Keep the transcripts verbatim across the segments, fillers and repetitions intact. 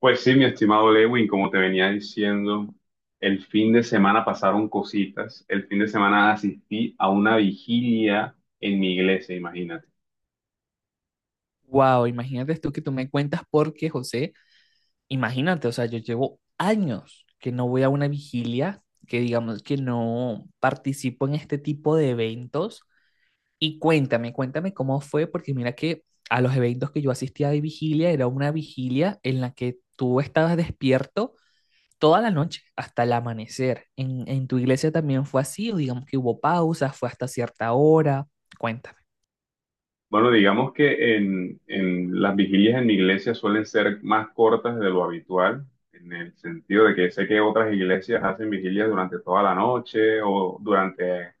Pues sí, mi estimado Lewin, como te venía diciendo, el fin de semana pasaron cositas. El fin de semana asistí a una vigilia en mi iglesia, imagínate. Wow, imagínate esto que tú me cuentas porque, José, imagínate, o sea, yo llevo años que no voy a una vigilia, que digamos que no participo en este tipo de eventos. Y cuéntame, cuéntame cómo fue, porque mira que a los eventos que yo asistía de vigilia era una vigilia en la que tú estabas despierto toda la noche hasta el amanecer. ¿En, en tu iglesia también fue así o digamos que hubo pausas, fue hasta cierta hora? Cuéntame. Bueno, digamos que en, en las vigilias en mi iglesia suelen ser más cortas de lo habitual, en el sentido de que sé que otras iglesias hacen vigilias durante toda la noche o durante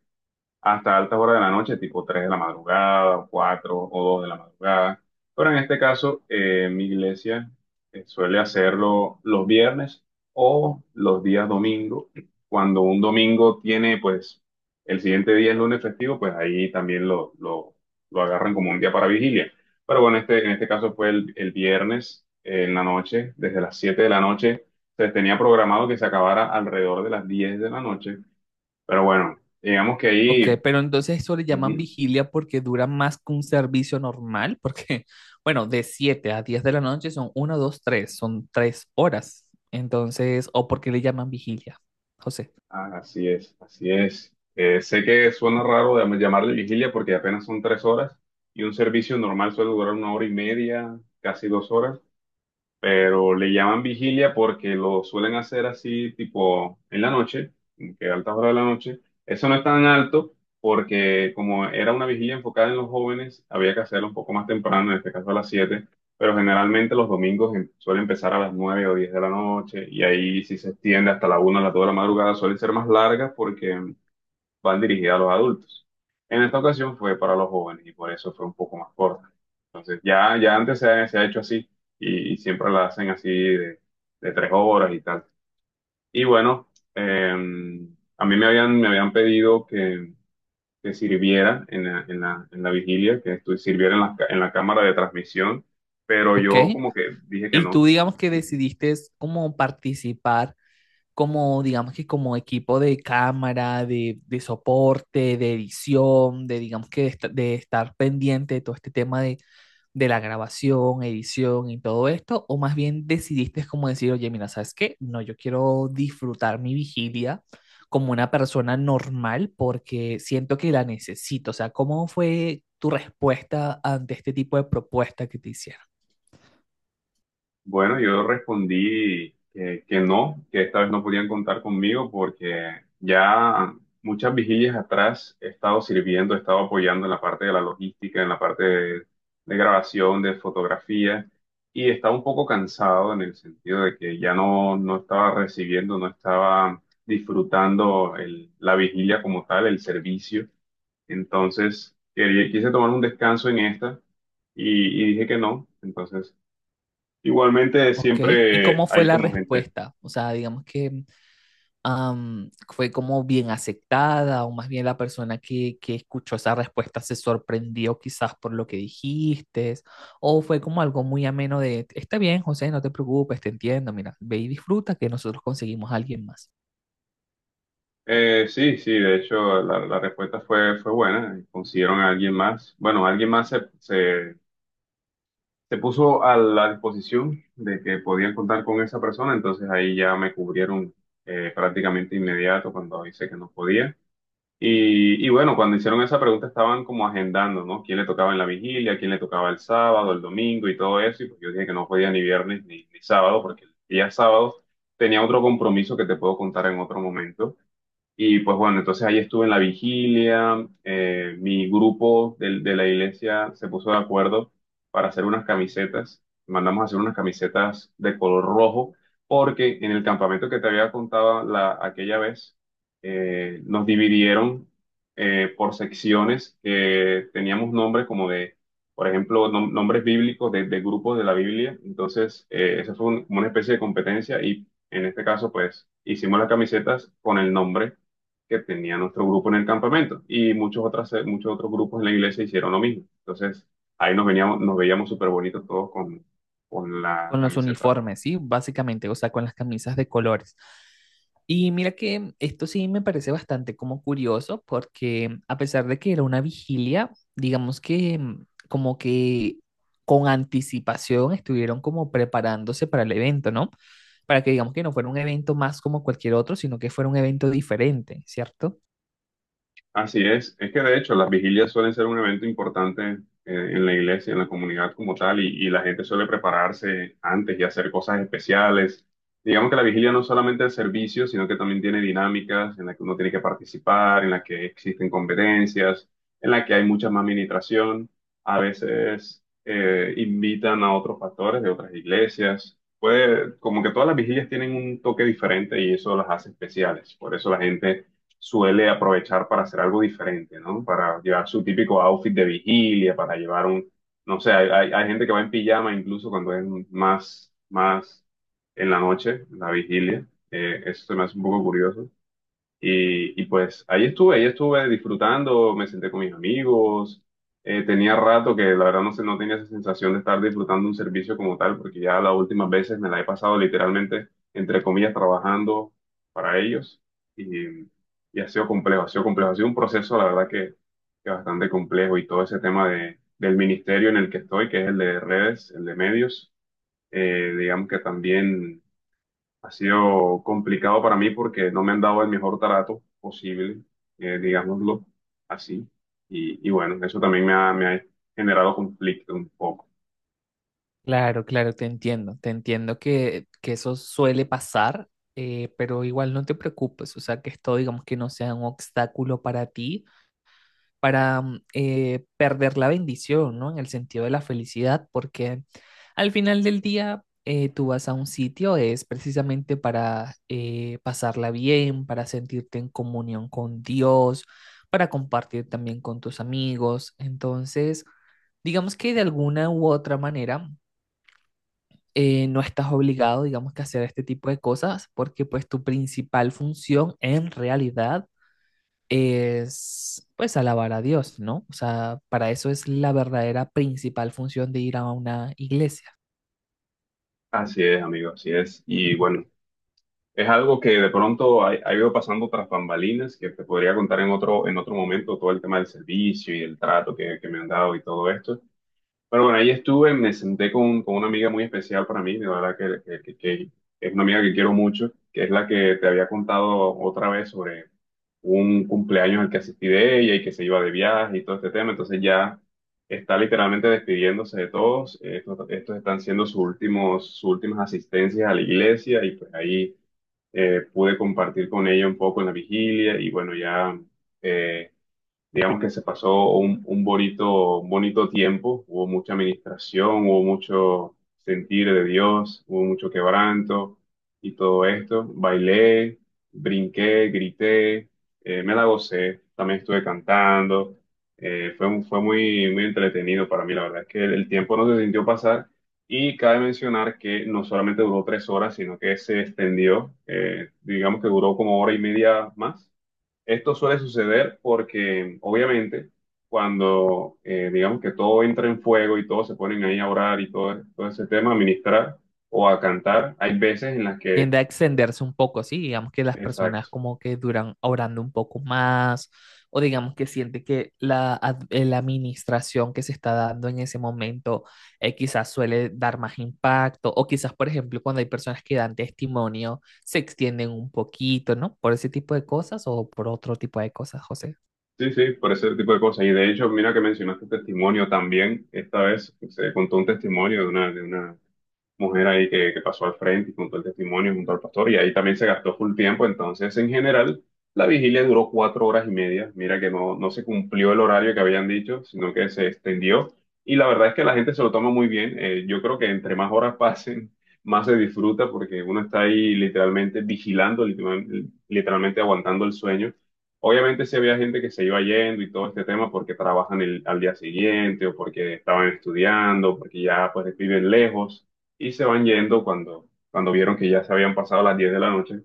hasta altas horas de la noche, tipo tres de la madrugada, o cuatro o dos de la madrugada. Pero en este caso, eh, mi iglesia eh, suele hacerlo los viernes o los días domingo. Cuando un domingo tiene, pues, el siguiente día es lunes festivo, pues ahí también lo, lo, lo agarran como un día para vigilia. Pero bueno, este, en este caso fue el, el viernes eh, en la noche, desde las siete de la noche. Se tenía programado que se acabara alrededor de las diez de la noche. Pero bueno, digamos que Ok, ahí pero entonces eso le llaman ujú. vigilia porque dura más que un servicio normal, porque, bueno, de siete a diez de la noche son uno dos tres son tres horas. Entonces, o porque le llaman vigilia, José. Ah, así es, así es. Eh, sé que suena raro llam- llamarle vigilia porque apenas son tres horas y un servicio normal suele durar una hora y media, casi dos horas, pero le llaman vigilia porque lo suelen hacer así tipo en la noche, como que a altas horas de la noche. Eso no es tan alto porque como era una vigilia enfocada en los jóvenes, había que hacerlo un poco más temprano, en este caso a las siete, pero generalmente los domingos em- suele empezar a las nueve o diez de la noche y ahí si se extiende hasta la una o las dos de la madrugada, suelen ser más largas porque van dirigidas a los adultos. En esta ocasión fue para los jóvenes y por eso fue un poco más corta. Entonces, ya, ya antes se ha, se ha hecho así y, y siempre la hacen así de, de tres horas y tal. Y bueno, eh, a mí me habían, me habían pedido que, que sirviera en la, en la, en la vigilia, que estu- sirviera en la, ca- en la cámara de transmisión, pero Ok, yo como que dije que y tú no. digamos que decidiste es como participar, como digamos que como equipo de cámara, de, de soporte, de edición, de digamos que de, esta- de estar pendiente de todo este tema de de la grabación, edición y todo esto. ¿O más bien decidiste como decir, oye, mira, ¿sabes qué? No, yo quiero disfrutar mi vigilia como una persona normal porque siento que la necesito. O sea, ¿cómo fue tu respuesta ante este tipo de propuesta que te hicieron? Bueno, yo respondí que, que no, que esta vez no podían contar conmigo porque ya muchas vigilias atrás he estado sirviendo, he estado apoyando en la parte de la logística, en la parte de, de grabación, de fotografía, y estaba un poco cansado en el sentido de que ya no, no estaba recibiendo, no estaba disfrutando el- la vigilia como tal, el servicio. Entonces, quería- quise tomar un descanso en esta y, y dije que no. Entonces, igualmente Ok, ¿y siempre cómo fue hay la como gente. respuesta? O sea, digamos que am, fue como bien aceptada o más bien la persona que, que escuchó esa respuesta se sorprendió quizás por lo que dijiste o fue como algo muy ameno de, está bien, José, no te preocupes, te entiendo, mira, ve y disfruta que nosotros conseguimos a alguien más. Eh, sí, sí, de hecho la, la respuesta fue, fue buena. Consiguieron a alguien más. Bueno, alguien más se, se, se puso a la disposición de que podían contar con esa persona, entonces ahí ya me cubrieron eh, prácticamente inmediato cuando hice que no podía. Y, y bueno, cuando hicieron esa pregunta estaban como agendando, ¿no? ¿Quién le tocaba en la vigilia? ¿Quién le tocaba el sábado, el domingo y todo eso? Y pues yo dije que no podía ni viernes ni, ni sábado, porque el día sábado tenía otro compromiso que te puedo contar en otro momento. Y pues bueno, entonces ahí estuve en la vigilia, eh, mi grupo del- de, la iglesia se puso de acuerdo para hacer unas camisetas, mandamos a hacer unas camisetas de color rojo, porque en el campamento que te había contado la, aquella vez, eh, nos dividieron eh, por secciones que teníamos nombres como de, por ejemplo, nom- nombres bíblicos de, de grupos de la Biblia, entonces eh, eso fue un- como una especie de competencia y en este caso pues hicimos las camisetas con el nombre que tenía nuestro grupo en el campamento y muchos otras, muchos otros grupos en la iglesia hicieron lo mismo. Entonces, ahí nos veníamos, nos veíamos súper bonitos todos con, con la Con los camiseta roja. uniformes, ¿sí? Básicamente, o sea, con las camisas de colores. Y mira que esto sí me parece bastante como curioso porque a pesar de que era una vigilia, digamos que mm, como que con anticipación estuvieron como preparándose para el evento, ¿no? Para que digamos que no fuera un evento más como cualquier otro, sino que fuera un evento diferente, ¿cierto? Así es, es que de hecho las vigilias suelen ser un evento importante eh, en la iglesia, en la comunidad como tal, y, y la gente suele prepararse antes y hacer cosas especiales. Digamos que la vigilia no es solamente el servicio, sino que también tiene dinámicas en las que uno tiene que participar, en las que existen competencias, en las que hay mucha más ministración. A veces eh, invitan a otros pastores de otras iglesias. Puede, como que todas las vigilias tienen un toque diferente y eso las hace especiales. Por eso la gente suele aprovechar para hacer algo diferente, ¿no? Para llevar su típico outfit de vigilia, para llevar un, no sé, hay, hay- hay gente que va en pijama incluso cuando es más, más en la noche, en la vigilia. Eh, eso se me hace un poco curioso. Y, y pues ahí estuve, ahí estuve disfrutando, me senté con mis amigos, eh, tenía rato que la verdad no sé, no tenía esa sensación de estar disfrutando un servicio como tal, porque ya las últimas veces me la he pasado literalmente, entre comillas, trabajando para ellos y, y ha sido complejo, ha sido complejo, ha sido un proceso, la verdad que, que bastante complejo y todo ese tema de, del ministerio en el que estoy, que es el de redes, el de medios, eh, digamos que también ha sido complicado para mí porque no me han dado el mejor trato posible, eh, digámoslo así. Y, y bueno, eso también me ha, me ha generado conflicto un poco. Claro, claro, te entiendo, te entiendo que, que eso suele pasar, eh, pero igual no te preocupes, o sea, que esto digamos que no sea un obstáculo para ti, para mm, eh, perder la bendición, ¿no? En el sentido de la felicidad, porque al final del día eh, tú vas a un sitio, es precisamente para eh, pasarla bien, para sentirte en comunión con Dios, para compartir también con tus amigos, entonces. Digamos que de alguna u otra manera eh, no estás obligado, digamos, que a hacer este tipo de cosas porque pues tu principal función en realidad es pues alabar a Dios, ¿no? O sea, para eso es la verdadera principal función de ir a una iglesia. Así es, amigo, así es. Y bueno, es algo que de pronto ha, ha ido pasando tras bambalinas, que te podría contar en otro, en otro momento todo el tema del servicio y el trato que, que me han dado y todo esto. Pero bueno, ahí estuve, me senté con, con una amiga muy especial para mí, de verdad que, que- que- que es una amiga que quiero mucho, que es la que te había contado otra vez sobre un cumpleaños al que asistí de ella y que se iba de viaje y todo este tema, entonces ya está literalmente despidiéndose de todos, estos, estos están siendo sus últimos, sus últimas asistencias a la iglesia y pues ahí eh, pude compartir con ella un poco en la vigilia y bueno, ya. Eh, digamos que se pasó un, un bonito, un bonito tiempo, hubo mucha administración, hubo mucho sentir de Dios, hubo mucho quebranto y todo esto. Bailé, brinqué, grité, eh, me la gocé, también estuve cantando. Eh, fue, un- fue muy, muy entretenido para mí, la verdad es que el, el tiempo no se sintió pasar. Y cabe mencionar que no solamente duró tres horas, sino que se extendió, eh, digamos que duró como hora y media más. Esto suele suceder porque, obviamente, cuando eh, digamos que todo entra en fuego y todos se ponen ahí a orar y todo, todo ese tema, a ministrar o a cantar, hay veces en las que, Tiende a extenderse un poco, sí, digamos que las personas exacto, como que duran orando un poco más, o digamos que siente que la, ad- eh, la administración que se está dando en ese momento eh, quizás suele dar más impacto, o quizás, por ejemplo, cuando hay personas que dan testimonio, se extienden un poquito, ¿no? Por ese tipo de cosas o por otro tipo de cosas, José. sí, sí, por ese tipo de cosas. Y de hecho, mira que mencionaste testimonio también, esta vez se contó un testimonio de una, de una mujer ahí que, que pasó al frente y contó el testimonio junto al pastor y ahí también se gastó full tiempo. Entonces, en general, la vigilia duró cuatro horas y media. Mira que no, no se cumplió el horario que habían dicho, sino que se extendió. Y la verdad es que la gente se lo toma muy bien. Eh, yo creo que entre más horas pasen, más se disfruta porque uno está ahí literalmente vigilando, literal- literalmente aguantando el sueño. Obviamente sí había gente que se iba yendo y todo este tema porque trabajan el- al día siguiente o porque estaban estudiando, porque ya pues viven lejos y se van yendo cuando, cuando vieron que ya se habían pasado las diez de la noche.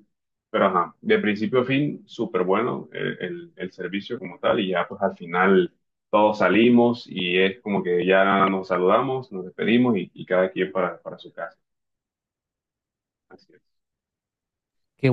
Pero ajá, de principio a fin, súper bueno el, el- el servicio como tal y ya pues al final todos salimos y es como que ya nos saludamos, nos despedimos y, y cada quien para, para su casa. Así es. Qué